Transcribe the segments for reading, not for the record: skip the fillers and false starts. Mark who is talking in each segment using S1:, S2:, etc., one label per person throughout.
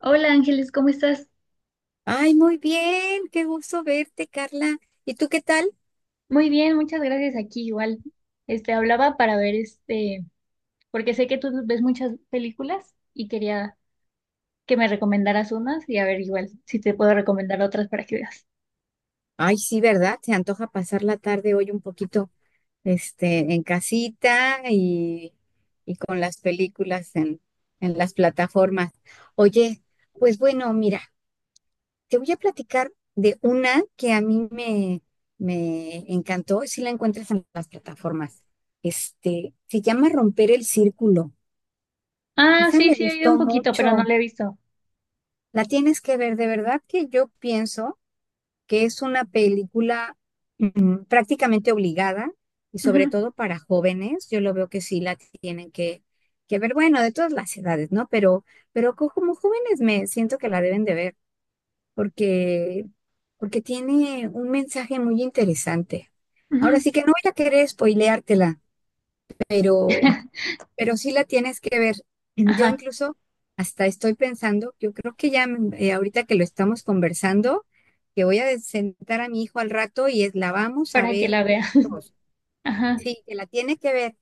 S1: Hola Ángeles, ¿cómo estás?
S2: Ay, muy bien, qué gusto verte, Carla. ¿Y tú qué tal?
S1: Muy bien, muchas gracias. Aquí igual. Hablaba para ver porque sé que tú ves muchas películas y quería que me recomendaras unas y a ver igual si te puedo recomendar otras para que veas.
S2: Ay, sí, ¿verdad? Se antoja pasar la tarde hoy un poquito, en casita y con las películas en las plataformas. Oye, pues bueno, mira, te voy a platicar de una que a mí me encantó, y si la encuentras en las plataformas. Se llama Romper el Círculo.
S1: Ah,
S2: Esa
S1: sí,
S2: me
S1: sí, he oído un
S2: gustó
S1: poquito, pero no
S2: mucho.
S1: la he visto.
S2: La tienes que ver, de verdad que yo pienso. Que es una película prácticamente obligada y sobre
S1: Ujú,
S2: todo para jóvenes. Yo lo veo que sí la tienen que ver, bueno, de todas las edades, ¿no? Pero como jóvenes me siento que la deben de ver porque, porque tiene un mensaje muy interesante. Ahora
S1: ujú.
S2: sí que no voy a querer spoileártela, pero sí la tienes que ver. Yo
S1: Ajá,
S2: incluso hasta estoy pensando, yo creo que ya ahorita que lo estamos conversando, que voy a sentar a mi hijo al rato y la vamos a
S1: para que
S2: ver
S1: la vea.
S2: juntos.
S1: Ajá,
S2: Sí, que la tiene que ver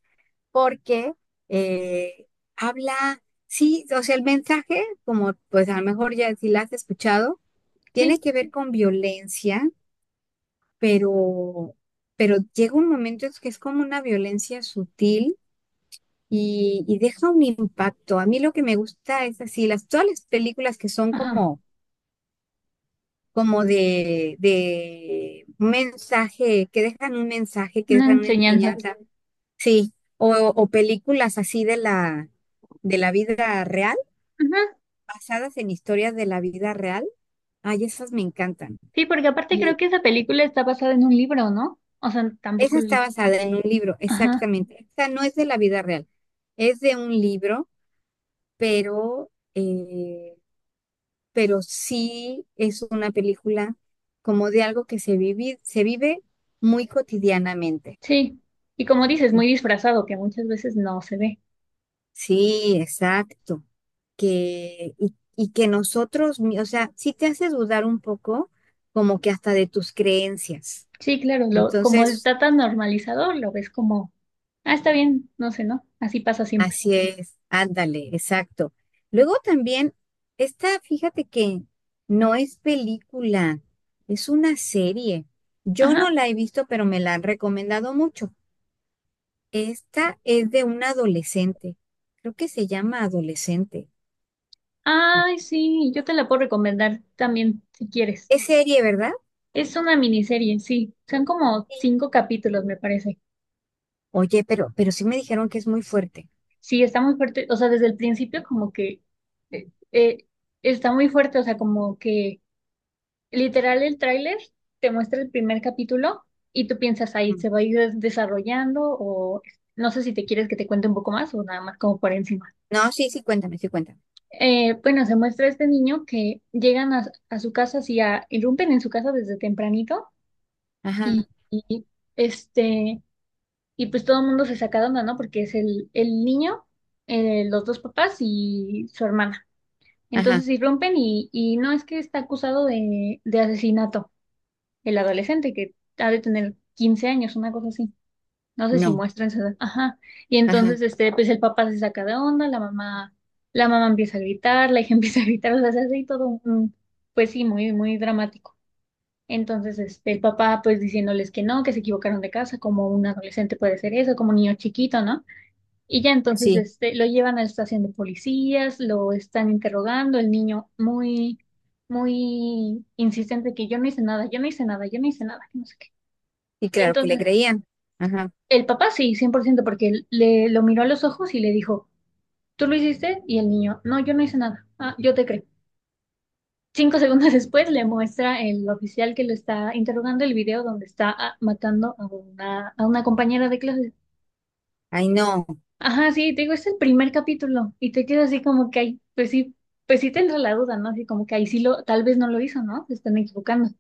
S2: porque eh, habla, sí, o sea, el mensaje, como pues a lo mejor ya si la has escuchado, tiene
S1: sí,
S2: que ver con violencia, pero, pero llega un momento en que es como una violencia sutil y deja un impacto. A mí lo que me gusta es así, todas las películas que son
S1: ajá,
S2: como de un mensaje, que dejan un mensaje, que
S1: una
S2: dejan una
S1: enseñanza.
S2: enseñanza, sí, o películas así de la vida real,
S1: Ujú.
S2: basadas en historias de la vida real. Ay, esas me encantan.
S1: Sí, porque aparte creo
S2: Y
S1: que esa película está basada en un libro, ¿no? O sea, tampoco
S2: esa
S1: lo
S2: está
S1: leí.
S2: basada en un libro, exactamente. Esta no es de la vida real, es de un libro, pero... eh, pero sí es una película como de algo que se vive muy cotidianamente.
S1: Sí, y como dices, muy disfrazado, que muchas veces no se ve.
S2: Sí, exacto. Y que nosotros, o sea, sí te hace dudar un poco, como que hasta de tus creencias.
S1: Sí, claro, lo, como
S2: Entonces,
S1: está tan normalizado, lo ves como, ah, está bien, no sé, ¿no? Así pasa siempre.
S2: así es, ándale, exacto. Luego también, fíjate que no es película, es una serie. Yo no
S1: Ajá.
S2: la he visto, pero me la han recomendado mucho. Esta es de un adolescente. Creo que se llama Adolescente.
S1: Ay, sí, yo te la puedo recomendar también, si quieres.
S2: Es serie, ¿verdad?
S1: Es una miniserie, sí. Son como
S2: Sí.
S1: cinco capítulos, me parece.
S2: Oye, pero sí me dijeron que es muy fuerte.
S1: Sí, está muy fuerte. O sea, desde el principio como que eh, eh, está muy fuerte, o sea, como que literal, el tráiler te muestra el primer capítulo y tú piensas ahí,
S2: Mm.
S1: ¿se va a ir desarrollando? O no sé si te quieres que te cuente un poco más o nada más como por encima.
S2: No, sí, sí, cuéntame, sí, cuéntame.
S1: Bueno, se muestra este niño que llegan a su casa, así a, irrumpen en su casa desde tempranito
S2: Ajá,
S1: y, y, este, y pues todo el mundo se saca de onda, ¿no? Porque es el niño, los dos papás y su hermana.
S2: ajá,
S1: Entonces irrumpen y no es que está acusado de asesinato. El adolescente que ha de tener 15 años, una cosa así. No sé si
S2: no,
S1: muestran su edad. Ajá. Y
S2: ajá,
S1: entonces, este, pues el papá se saca de onda, la mamá empieza a gritar, la hija empieza a gritar, o sea, se hace ahí todo un, pues sí, muy, muy dramático. Entonces, este, el papá, pues diciéndoles que no, que se equivocaron de casa, como un adolescente puede ser eso, como un niño chiquito, ¿no? Y ya entonces,
S2: sí,
S1: este, lo llevan a la estación de policías, lo están interrogando, el niño muy, muy insistente que yo no hice nada, yo no hice nada, yo no hice nada, que no sé qué.
S2: y
S1: Y
S2: claro que le
S1: entonces,
S2: creían. Ajá,
S1: el papá sí, 100% porque él le lo miró a los ojos y le dijo, ¿tú lo hiciste? Y el niño, no, yo no hice nada. Ah, yo te creo. Cinco segundos después le muestra el oficial que lo está interrogando el video donde está ah, matando a una compañera de clase.
S2: ay, no,
S1: Ajá, sí, te digo, es el primer capítulo y te quedas así como que ahí, pues sí te entra la duda, ¿no? Así como que ahí sí lo, tal vez no lo hizo, ¿no? Se están equivocando.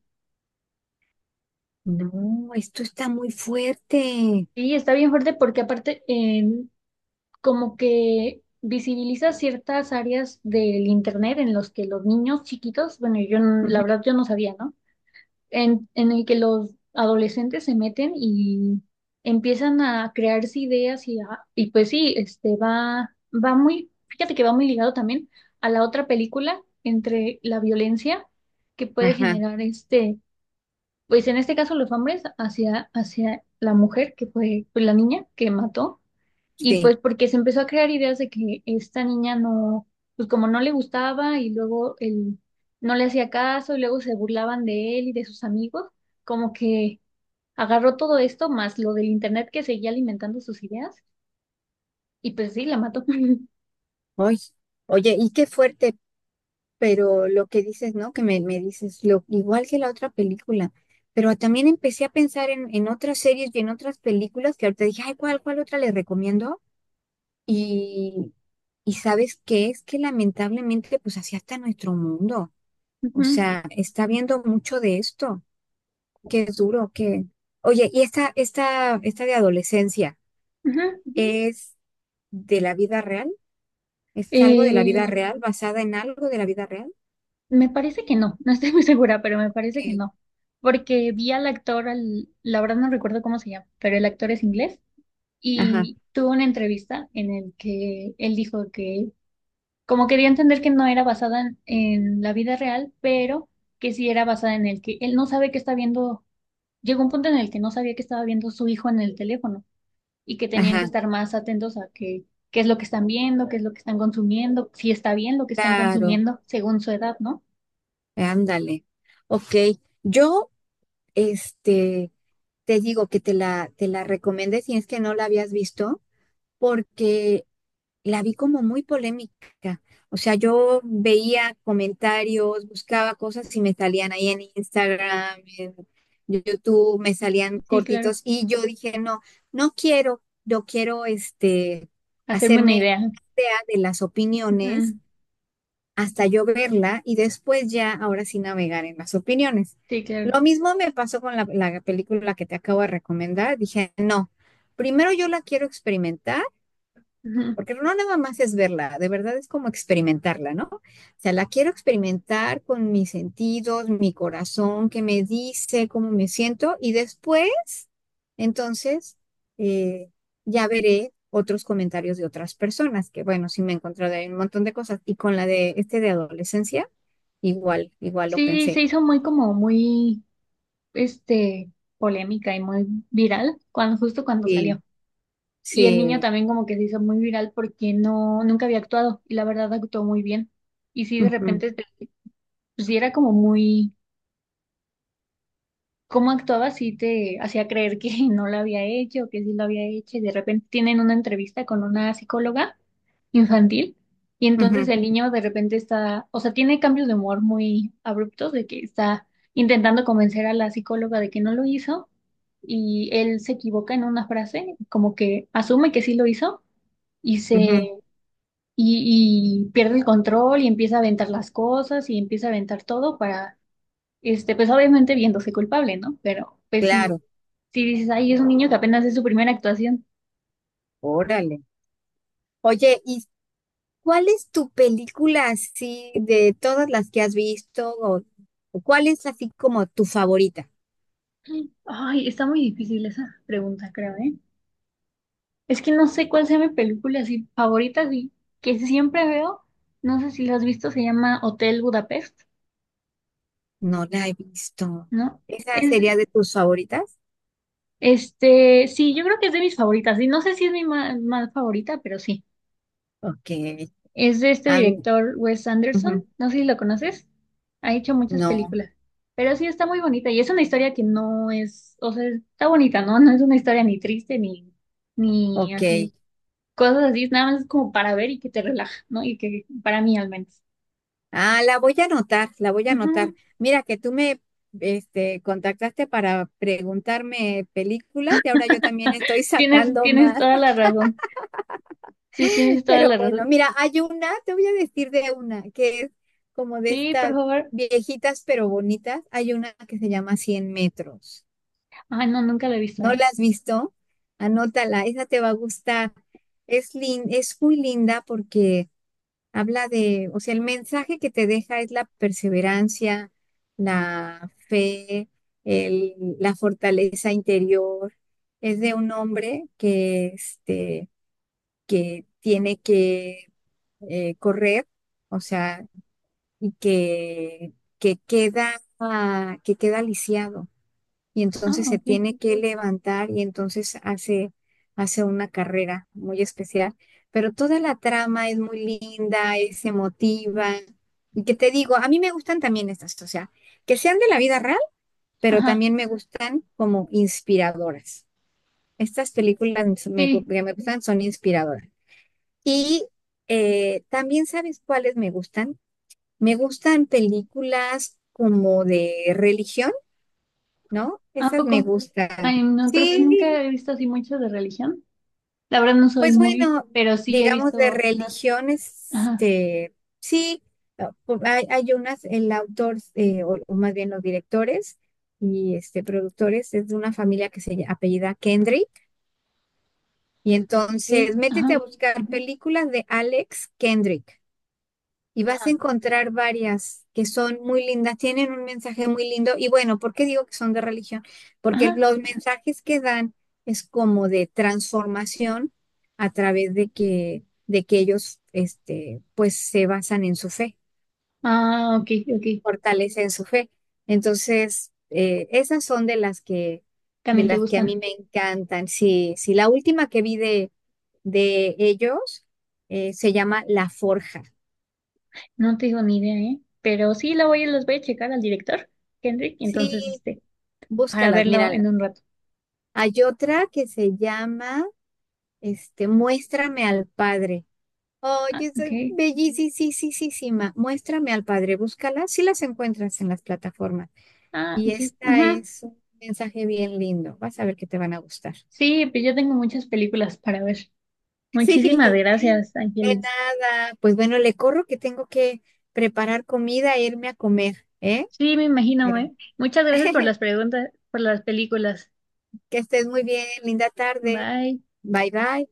S2: no, esto está muy fuerte.
S1: Sí, está bien fuerte porque aparte, como que visibiliza ciertas áreas del internet en los que los niños chiquitos, bueno, yo no- la
S2: Ujú,
S1: verdad yo no sabía, ¿no? En el que los adolescentes se meten y empiezan a crearse ideas y pues sí, va muy, fíjate que va muy ligado también a la otra película entre la violencia que puede
S2: ajá,
S1: generar este, pues en este caso los hombres hacia, hacia la mujer que fue pues, la niña que mató y
S2: sí,
S1: pues porque se empezó a crear ideas de que esta niña no, pues como no le gustaba y luego él no le hacía caso y luego se burlaban de él y de sus amigos, como que agarró todo esto más lo del internet que seguía alimentando sus ideas y pues sí, la mató.
S2: oye, oye, y qué fuerte, pero lo que dices, ¿no? Que me dices, igual que la otra película, pero también empecé a pensar en otras series y en otras películas que ahorita dije, ay, ¿cuál otra le recomiendo? Y, y ¿sabes qué? Es que lamentablemente, pues así hasta nuestro mundo, o
S1: Ujú,
S2: sea, está viendo mucho de esto, que es duro, que. Oye, ¿y esta de adolescencia,
S1: ujú.
S2: ujú, es de la vida real? ¿Es algo de la vida
S1: Eh,
S2: real, basada en algo de la vida real?
S1: me parece que no, no estoy muy segura, pero me parece que
S2: Que-
S1: no, porque vi al actor, la verdad no recuerdo cómo se llama, pero el actor es inglés
S2: Ajá,
S1: y tuvo una entrevista en el que él dijo que como quería entender que no era basada en la vida real, pero que sí era basada en el que él no sabe que está viendo, llegó un punto en el que no sabía que estaba viendo su hijo en el teléfono y que tenían que
S2: ajá,
S1: estar más atentos a que, qué es lo que están viendo, qué es lo que están consumiendo, si está bien lo que están
S2: claro.
S1: consumiendo según su edad, ¿no?
S2: Ándale. OK. Yo, este, te digo que te la recomendé si es que no la habías visto, porque la vi como muy polémica. O sea, yo veía comentarios, buscaba cosas y me salían ahí en Instagram, en YouTube, me salían
S1: Sí, claro.
S2: cortitos y yo dije, no, no quiero, yo quiero,
S1: Hacerme una
S2: hacerme
S1: idea.
S2: idea de las opiniones
S1: Ujú.
S2: hasta yo verla y después ya, ahora sí, navegar en las opiniones.
S1: Sí, claro.
S2: Lo mismo me pasó con la película que te acabo de recomendar. Dije, no, primero yo la quiero experimentar.
S1: Ujú.
S2: Porque no nada más es verla, de verdad es como experimentarla, ¿no? O sea, la quiero experimentar con mis sentidos, mi corazón, qué me dice cómo me siento y después, entonces, eh, ya veré otros comentarios de otras personas, que bueno, sí me he encontrado ahí un montón de cosas. Y con la de de adolescencia, igual, igual lo
S1: Sí, se
S2: pensé.
S1: hizo muy como muy, este, polémica y muy viral cuando justo cuando
S2: Sí,
S1: salió. Y el niño
S2: sí,
S1: también como que se hizo muy viral porque no, nunca había actuado y la verdad actuó muy bien. Y sí, de
S2: ujú,
S1: repente, te- pues sí era como muy, cómo actuaba, sí te hacía creer que no lo había hecho, que sí lo había hecho. Y de repente tienen una entrevista con una psicóloga infantil y entonces
S2: ujú,
S1: el niño de repente está, o sea, tiene cambios de humor muy abruptos de que está intentando convencer a la psicóloga de que no lo hizo y él se equivoca en una frase, como que asume que sí lo hizo y
S2: ujú,
S1: se y pierde el control y empieza a aventar las cosas y empieza a aventar todo para, este, pues obviamente viéndose culpable, ¿no? Pero pues si,
S2: claro,
S1: si dices, ay, es un niño que apenas es su primera actuación.
S2: órale. Oye, y ¿cuál es tu película así de todas las que has visto? O ¿cuál es así como tu favorita?
S1: Ay, está muy difícil esa pregunta, creo, ¿eh? Es que no sé cuál sea mi película así favorita, así, que siempre veo, no sé si la has visto, se llama Hotel Budapest,
S2: No la he visto.
S1: ¿no?
S2: ¿Esa
S1: Es,
S2: sería de tus favoritas?
S1: este, sí, yo creo que es de mis favoritas, y no sé si es mi más favorita, pero sí.
S2: OK.
S1: Es de este
S2: Ah,
S1: director Wes Anderson,
S2: ujú,
S1: no sé si lo conoces, ha hecho muchas
S2: no,
S1: películas, pero sí está muy bonita y es una historia que no es, o sea, está bonita, ¿no? No es una historia ni triste ni, ni
S2: OK.
S1: así, cosas así, nada más es como para ver y que te relaja, ¿no? Y que para mí al menos.
S2: Ah, la voy a anotar, la voy a
S1: Ujú.
S2: anotar. Mira que tú me contactaste para preguntarme películas y ahora yo también estoy sacando
S1: Tienes
S2: más.
S1: toda la razón, sí, tienes toda
S2: Pero
S1: la
S2: bueno,
S1: razón.
S2: mira, hay una, te voy a decir de una, que es como de
S1: Sí, por
S2: estas
S1: favor.
S2: viejitas pero bonitas. Hay una que se llama Cien metros.
S1: Ay, no, nunca la he visto,
S2: ¿No
S1: ¿eh?
S2: la has visto? Anótala, esa te va a gustar. Es muy linda porque habla de, o sea, el mensaje que te deja es la perseverancia, la fe, la fortaleza interior. Es de un hombre que tiene que correr, o sea, y que queda, que queda lisiado. Y
S1: Ah,
S2: entonces se
S1: ok.
S2: tiene que levantar y entonces hace una carrera muy especial. Pero toda la trama es muy linda, es emotiva. Y que te digo, a mí me gustan también estas, o sea, que sean de la vida real, pero
S1: Ajá,
S2: también me gustan como inspiradoras. Estas películas
S1: sí,
S2: que me gustan son inspiradoras. Y también sabes cuáles me gustan, películas como de religión, ¿no?
S1: ¿a
S2: Esas me
S1: poco?
S2: gustan.
S1: Ay, no, creo que
S2: Sí,
S1: nunca he visto así mucho de religión. La verdad no soy
S2: pues
S1: muy,
S2: bueno,
S1: pero sí he
S2: digamos de
S1: visto. Na-
S2: religión,
S1: ajá,
S2: sí, hay unas, el autor, o más bien los directores y productores es de una familia que apellida Kendrick. Y
S1: ok,
S2: entonces métete a
S1: ajá,
S2: buscar películas de Alex Kendrick. Y vas a
S1: ajá,
S2: encontrar varias que son muy lindas, tienen un mensaje muy lindo. Y bueno, ¿por qué digo que son de religión? Porque
S1: ajá.
S2: los mensajes que dan es como de transformación a través de que ellos, pues se basan en su fe,
S1: Ah, ok, ok.
S2: fortalecen su fe. Entonces, esas son de las que, de
S1: También te
S2: las que a mí
S1: gustan.
S2: me encantan. Sí, sí, la última que vi de ellos se llama La Forja.
S1: No tengo ni idea, ¿eh? Pero sí la voy, las voy a checar al director, Kendrick, y entonces,
S2: Sí,
S1: este, para
S2: búscalas,
S1: verlo en
S2: mira,
S1: un rato.
S2: hay otra que se llama Muéstrame al Padre.
S1: Ah,
S2: Oye, es
S1: ok.
S2: bellísima. Muéstrame al Padre, búscala. Si las encuentras en las plataformas.
S1: Ah,
S2: Y
S1: ok.
S2: esta
S1: Ajá.
S2: es un mensaje bien lindo. Vas a ver que te van a gustar.
S1: Sí, pues yo tengo muchas películas para ver. Muchísimas
S2: Sí,
S1: gracias,
S2: de
S1: Ángeles.
S2: nada. Pues bueno, le corro que tengo que preparar comida e irme a comer, ¿eh?
S1: Sí, me imagino,
S2: Pero
S1: ¿eh? Muchas gracias por las preguntas, por las películas.
S2: que estés muy bien. Linda tarde.
S1: Bye.
S2: Bye, bye.